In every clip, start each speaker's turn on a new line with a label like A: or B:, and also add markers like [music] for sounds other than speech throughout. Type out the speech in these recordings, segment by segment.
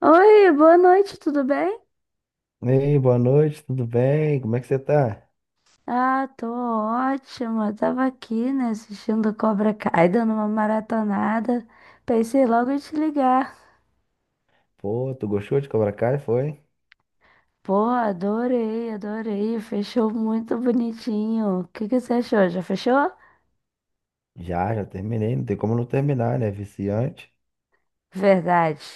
A: Oi, boa noite, tudo bem?
B: Ei, boa noite, tudo bem? Como é que você tá?
A: Ah, tô ótima. Tava aqui, né, assistindo Cobra Kai, dando uma maratonada. Pensei logo em te ligar.
B: Pô, tu gostou de Cobra Kai, foi?
A: Pô, adorei, adorei. Fechou muito bonitinho. O que que você achou? Já fechou?
B: Já terminei, não tem como não terminar, né? Viciante.
A: Verdade.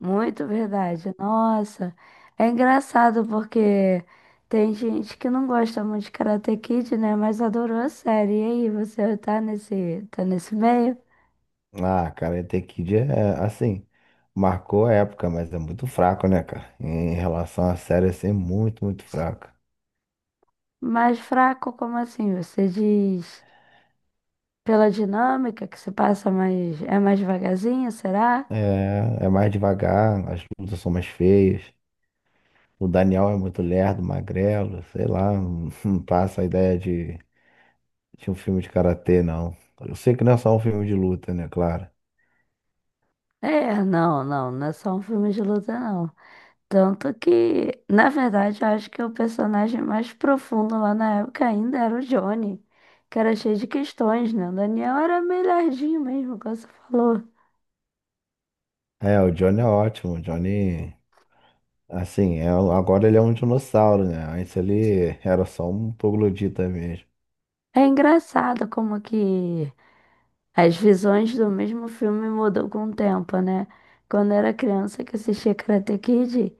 A: Muito verdade. Nossa, é engraçado porque tem gente que não gosta muito de Karate Kid, né, mas adorou a série. E aí, você tá nesse meio?
B: Ah, cara, até Kid é assim, marcou a época, mas é muito fraco, né, cara? Em relação à série, assim, é muito fraco.
A: Mais fraco, como assim? Você diz pela dinâmica que se passa mais. É mais devagarzinho, será?
B: É mais devagar, as lutas são mais feias. O Daniel é muito lerdo, magrelo, sei lá, não [laughs] não passa a ideia de um filme de karatê, não. Eu sei que não é só um filme de luta, né, claro.
A: É, não, não, não é só um filme de luta, não. Tanto que, na verdade, eu acho que o personagem mais profundo lá na época ainda era o Johnny, que era cheio de questões, né? O Daniel era melhorzinho mesmo, como você falou.
B: É, o Johnny é ótimo. O Johnny, assim, agora ele é um dinossauro, né? Antes ele era só um troglodita mesmo.
A: É engraçado como que as visões do mesmo filme mudou com o tempo, né? Quando eu era criança que assistia Karate Kid.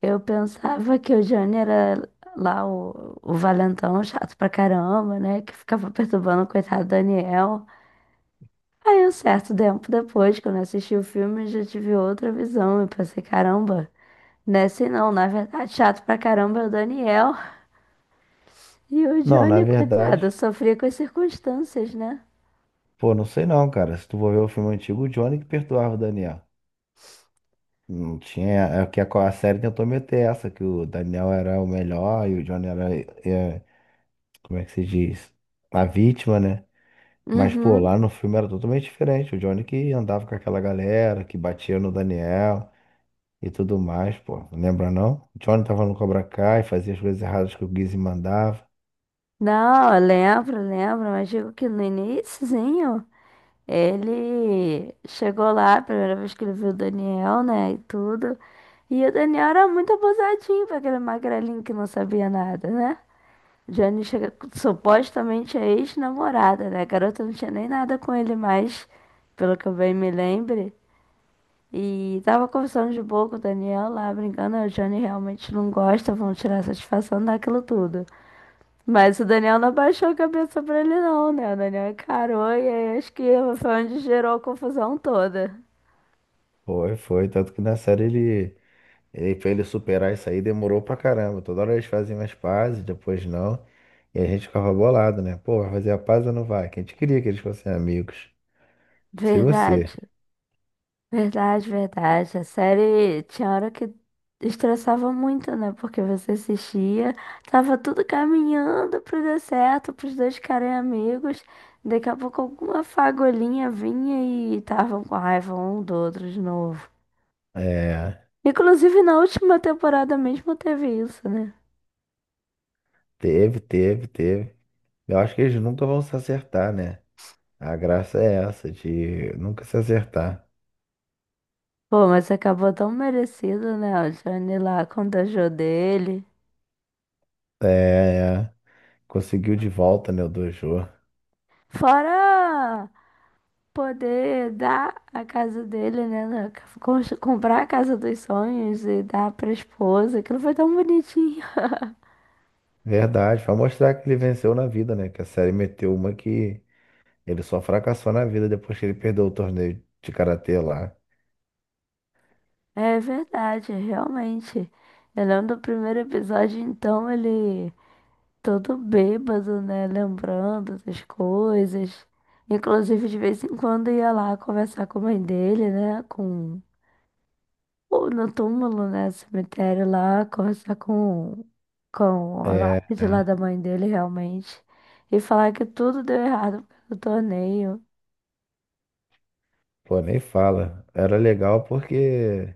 A: Eu pensava que o Johnny era lá o valentão chato pra caramba, né? Que ficava perturbando o coitado do Daniel. Aí, um certo tempo depois, quando eu assisti o filme, eu já tive outra visão. Eu pensei, caramba, nesse não, na verdade, chato pra caramba é o Daniel. E o
B: Não, na
A: Johnny, coitado,
B: verdade,
A: sofria com as circunstâncias, né?
B: pô, não sei não, cara. Se tu for ver o filme antigo, o Johnny que perdoava o Daniel. Não tinha. É que a série tentou meter essa, que o Daniel era o melhor e o Johnny era, é, como é que se diz? A vítima, né? Mas, pô,
A: Uhum.
B: lá no filme era totalmente diferente. O Johnny que andava com aquela galera, que batia no Daniel e tudo mais, pô. Não lembra não? Johnny tava no Cobra Kai, fazia as coisas erradas que o Gizzy mandava.
A: Não, eu lembro, lembro, mas digo que no iníciozinho. Ele chegou lá, a primeira vez que ele viu o Daniel, né, e tudo. E o Daniel era muito abusadinho pra aquele magrelinho que não sabia nada, né? Jane chega, supostamente a ex-namorada, né? A garota não tinha nem nada com ele mais, pelo que eu bem me lembre. E tava conversando de boa com o Daniel lá, brincando. A Jane realmente não gosta, vão tirar satisfação daquilo tudo. Mas o Daniel não abaixou a cabeça pra ele, não, né? O Daniel encarou e aí acho que foi onde gerou a confusão toda.
B: Foi. Tanto que na série pra ele superar isso aí demorou pra caramba. Toda hora eles faziam as pazes, depois não. E a gente ficava bolado, né? Pô, vai fazer a paz ou não vai? Que a gente queria que eles fossem amigos. Se você.
A: Verdade, verdade, verdade. A série tinha hora que estressava muito, né? Porque você assistia, tava tudo caminhando pro dar certo, pros dois ficarem amigos. Daqui a pouco alguma fagulhinha vinha e estavam com raiva um do outro de novo.
B: É,
A: Inclusive na última temporada mesmo teve isso, né?
B: teve. Eu acho que eles nunca vão se acertar, né? A graça é essa, de nunca se acertar.
A: Pô, mas acabou tão merecido, né? O Johnny lá contagiou dele.
B: É, conseguiu de volta, né, o Dojo.
A: Fora poder dar a casa dele, né? Comprar a casa dos sonhos e dar pra esposa. Aquilo foi tão bonitinho.
B: Verdade, pra mostrar que ele venceu na vida, né? Que a série meteu uma que ele só fracassou na vida depois que ele perdeu o torneio de karatê lá.
A: É verdade, realmente. Eu lembro do primeiro episódio, então, ele todo bêbado, né? Lembrando das coisas. Inclusive, de vez em quando ia lá conversar com a mãe dele, né? Com ou no túmulo, né? Cemitério lá, conversar com a
B: É,
A: lápide lá
B: né?
A: da mãe dele, realmente. E falar que tudo deu errado por causa do torneio,
B: Pô, nem fala. Era legal porque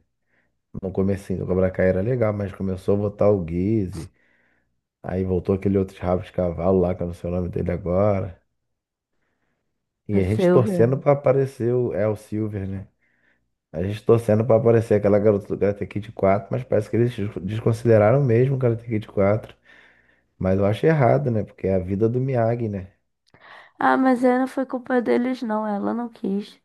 B: no comecinho do Cobra Kai era legal, mas começou a botar o Guise, aí voltou aquele outro rabo de cavalo lá, que eu não sei o nome dele agora. E
A: a
B: a gente
A: Silvia.
B: torcendo pra aparecer o El Silver, né? A gente torcendo pra aparecer aquela garota do Karate Kid 4, mas parece que eles desconsideraram mesmo o Karate Kid 4. Mas eu acho errado, né? Porque é a vida do Miyagi, né?
A: Ah, mas aí não foi culpa deles, não. Ela não quis.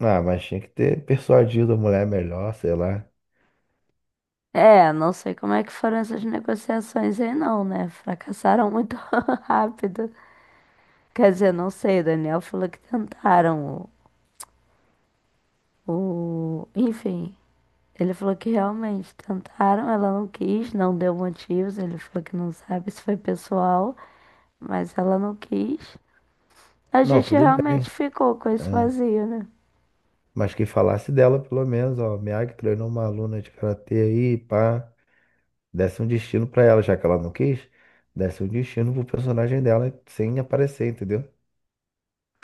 B: Ah, mas tinha que ter persuadido a mulher melhor, sei lá.
A: É, não sei como é que foram essas negociações aí, não, né? Fracassaram muito [laughs] rápido. Quer dizer, não sei, o Daniel falou que tentaram enfim, ele falou que realmente tentaram, ela não quis, não deu motivos. Ele falou que não sabe se foi pessoal, mas ela não quis. A
B: Não,
A: gente
B: tudo bem.
A: realmente ficou com esse
B: É.
A: vazio, né?
B: Mas que falasse dela, pelo menos, ó. Miyagi treinou uma aluna de karatê aí, pá. Desse um destino pra ela, já que ela não quis. Desse um destino pro personagem dela sem aparecer, entendeu?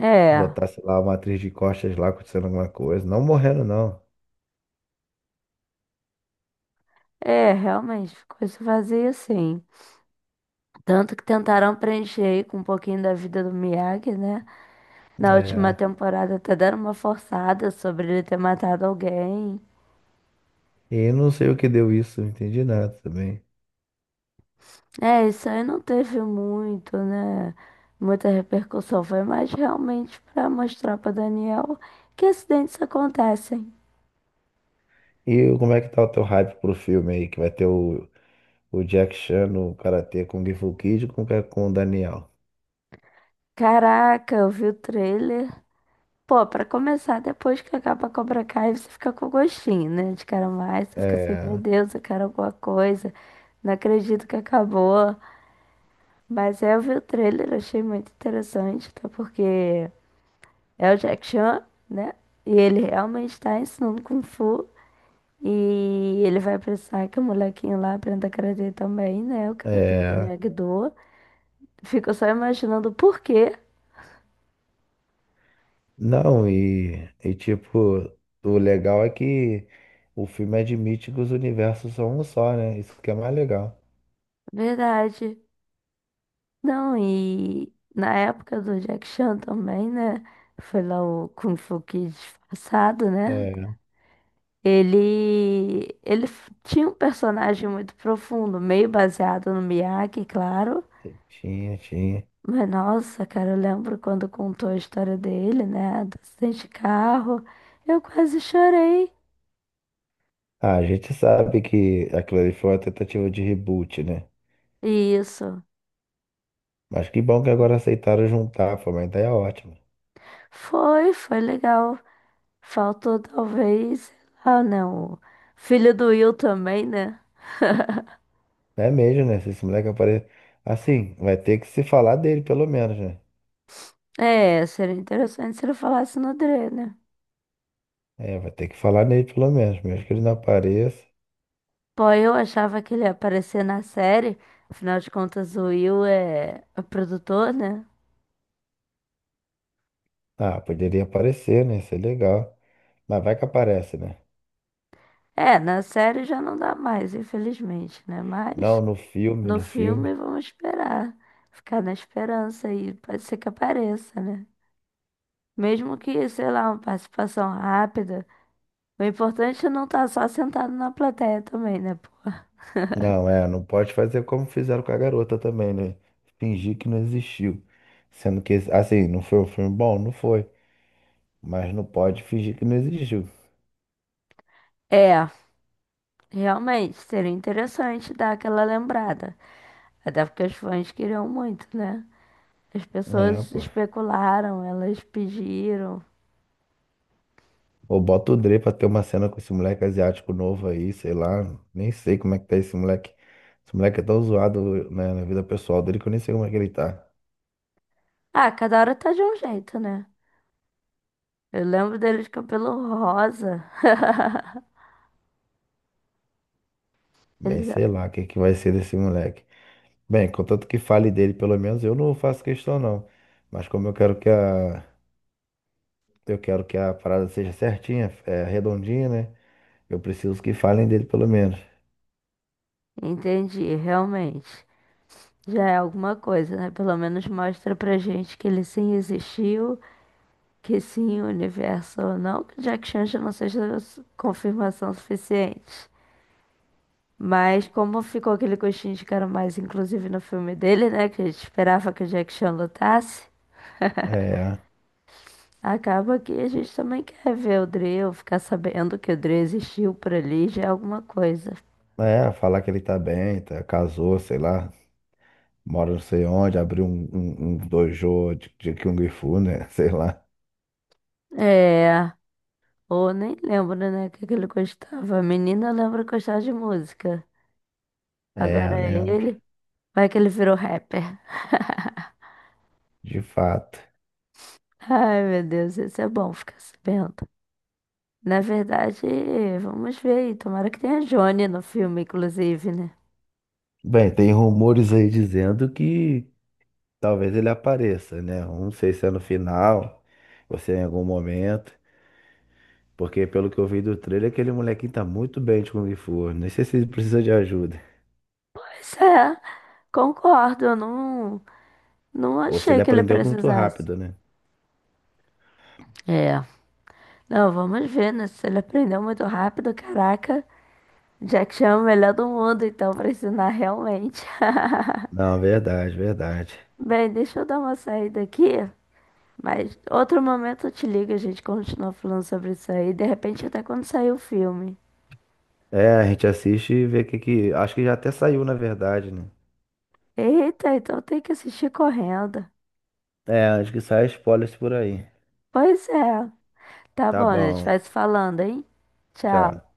A: É,
B: Botasse lá uma atriz de costas lá acontecendo alguma coisa. Não morrendo, não.
A: realmente ficou esse vazio sim. Tanto que tentaram preencher aí com um pouquinho da vida do Miyagi, né? Na última
B: É.
A: temporada até deram uma forçada sobre ele ter matado alguém.
B: E não sei o que deu isso, não entendi nada também.
A: É, isso aí não teve muito, né? Muita repercussão. Foi mais realmente pra mostrar pra Daniel que acidentes acontecem.
B: E como é que tá o teu hype pro filme aí, que vai ter o Jack Chan no Karate com o Fu Kid com o Daniel.
A: Caraca, eu vi o trailer. Pô, pra começar, depois que acaba Cobra Kai, você fica com gostinho, né? De cara mais, você fica assim, meu
B: É,
A: Deus, eu quero alguma coisa. Não acredito que acabou. Mas é, eu vi o trailer, achei muito interessante, até porque é o Jack Chan, né? E ele realmente tá ensinando Kung Fu. E ele vai precisar que o molequinho lá aprenda karatê também, né? O karatê do
B: é.
A: Miyagi-Do. Fico só imaginando por quê.
B: Não, tipo, o legal é que o filme admite que os universos são um só, né? Isso que é mais legal.
A: Verdade. Não, e na época do Jack Chan também, né? Foi lá o Kung Fu Kid disfarçado, né?
B: É,
A: Tinha um personagem muito profundo, meio baseado no Miyagi, claro.
B: tinha.
A: Mas nossa, cara, eu lembro quando contou a história dele, né? Do acidente de carro. Eu quase chorei.
B: Ah, a gente sabe que aquilo ali foi uma tentativa de reboot, né?
A: Isso.
B: Mas que bom que agora aceitaram juntar, foi uma ideia ótima.
A: Foi, foi legal. Faltou talvez, sei lá, né? O filho do Will também, né?
B: É mesmo, né? Se esse moleque aparecer. Assim, vai ter que se falar dele, pelo menos, né?
A: É, seria interessante se ele falasse no Dre, né?
B: É, vai ter que falar nele pelo menos, mesmo que ele não apareça.
A: Pô, eu achava que ele ia aparecer na série. Afinal de contas, o Will é o produtor, né?
B: Ah, poderia aparecer, né? Isso é legal. Mas vai que aparece, né?
A: É, na série já não dá mais, infelizmente, né? Mas
B: Não, no filme,
A: no
B: no
A: filme
B: filme.
A: vamos esperar. Ficar na esperança aí. Pode ser que apareça, né? Mesmo que, sei lá, uma participação rápida. O importante é não estar só sentado na plateia também, né, pô?
B: Não, é, não pode fazer como fizeram com a garota também, né? Fingir que não existiu. Sendo que, assim, não foi um filme bom? Não foi. Mas não pode fingir que não existiu.
A: É, realmente, seria interessante dar aquela lembrada. Até porque os fãs queriam muito, né? As
B: É,
A: pessoas
B: pô.
A: especularam, elas pediram.
B: Ou bota o Dre pra ter uma cena com esse moleque asiático novo aí, sei lá. Nem sei como é que tá esse moleque. Esse moleque é tão zoado, né, na vida pessoal dele que eu nem sei como é que ele tá.
A: Ah, cada hora tá de um jeito, né? Eu lembro deles de cabelo rosa. [laughs]
B: Bem,
A: Eles...
B: sei
A: ah,
B: lá o que que vai ser desse moleque. Bem, contanto que fale dele, pelo menos eu não faço questão não. Mas como eu quero que a parada seja certinha, é, redondinha, né? Eu preciso que falem dele pelo menos.
A: entendi, realmente. Já é alguma coisa, né? Pelo menos mostra pra gente que ele sim existiu. Que sim, o universo ou não que Jack Chan já não seja confirmação suficiente. Mas como ficou aquele gostinho de quero mais, inclusive no filme dele, né? Que a gente esperava que o Jack Chan lutasse.
B: É,
A: Acaba que a gente também quer ver o Dre, ou ficar sabendo que o Dre existiu por ali, já é alguma coisa.
B: falar que ele tá bem, tá, casou, sei lá, mora não sei onde, abriu um dojo de Kung Fu, né? [laughs] Sei lá.
A: É, ou nem lembro, né, o que que ele gostava. A menina lembra que de música.
B: É,
A: Agora
B: eu
A: é
B: lembro,
A: ele, vai que ele virou rapper.
B: de fato.
A: Ai, meu Deus, isso é bom ficar sabendo. Na verdade, vamos ver aí. Tomara que tenha Johnny no filme, inclusive, né?
B: Bem, tem rumores aí dizendo que talvez ele apareça, né? Não sei se é no final, ou se é em algum momento. Porque pelo que eu vi do trailer, aquele molequinho tá muito bem de Kung Fu. Nem sei se ele precisa de ajuda.
A: Pois é, concordo. Eu não, não
B: Ou se
A: achei
B: ele
A: que ele
B: aprendeu muito
A: precisasse.
B: rápido, né?
A: É. Não, vamos ver, né? Se ele aprendeu muito rápido, caraca. Jack Chan é o melhor do mundo, então, pra ensinar realmente. [laughs]
B: Não, verdade.
A: Bem, deixa eu dar uma saída aqui. Mas outro momento eu te ligo, a gente continua falando sobre isso aí. De repente, até quando sair o filme.
B: É, a gente assiste e vê o que que. Acho que já até saiu, na verdade, né?
A: Eita, então tem que assistir correndo.
B: É, acho que sai spoilers por aí.
A: Pois é. Tá
B: Tá
A: bom, a gente
B: bom.
A: vai se falando, hein?
B: Tchau.
A: Tchau.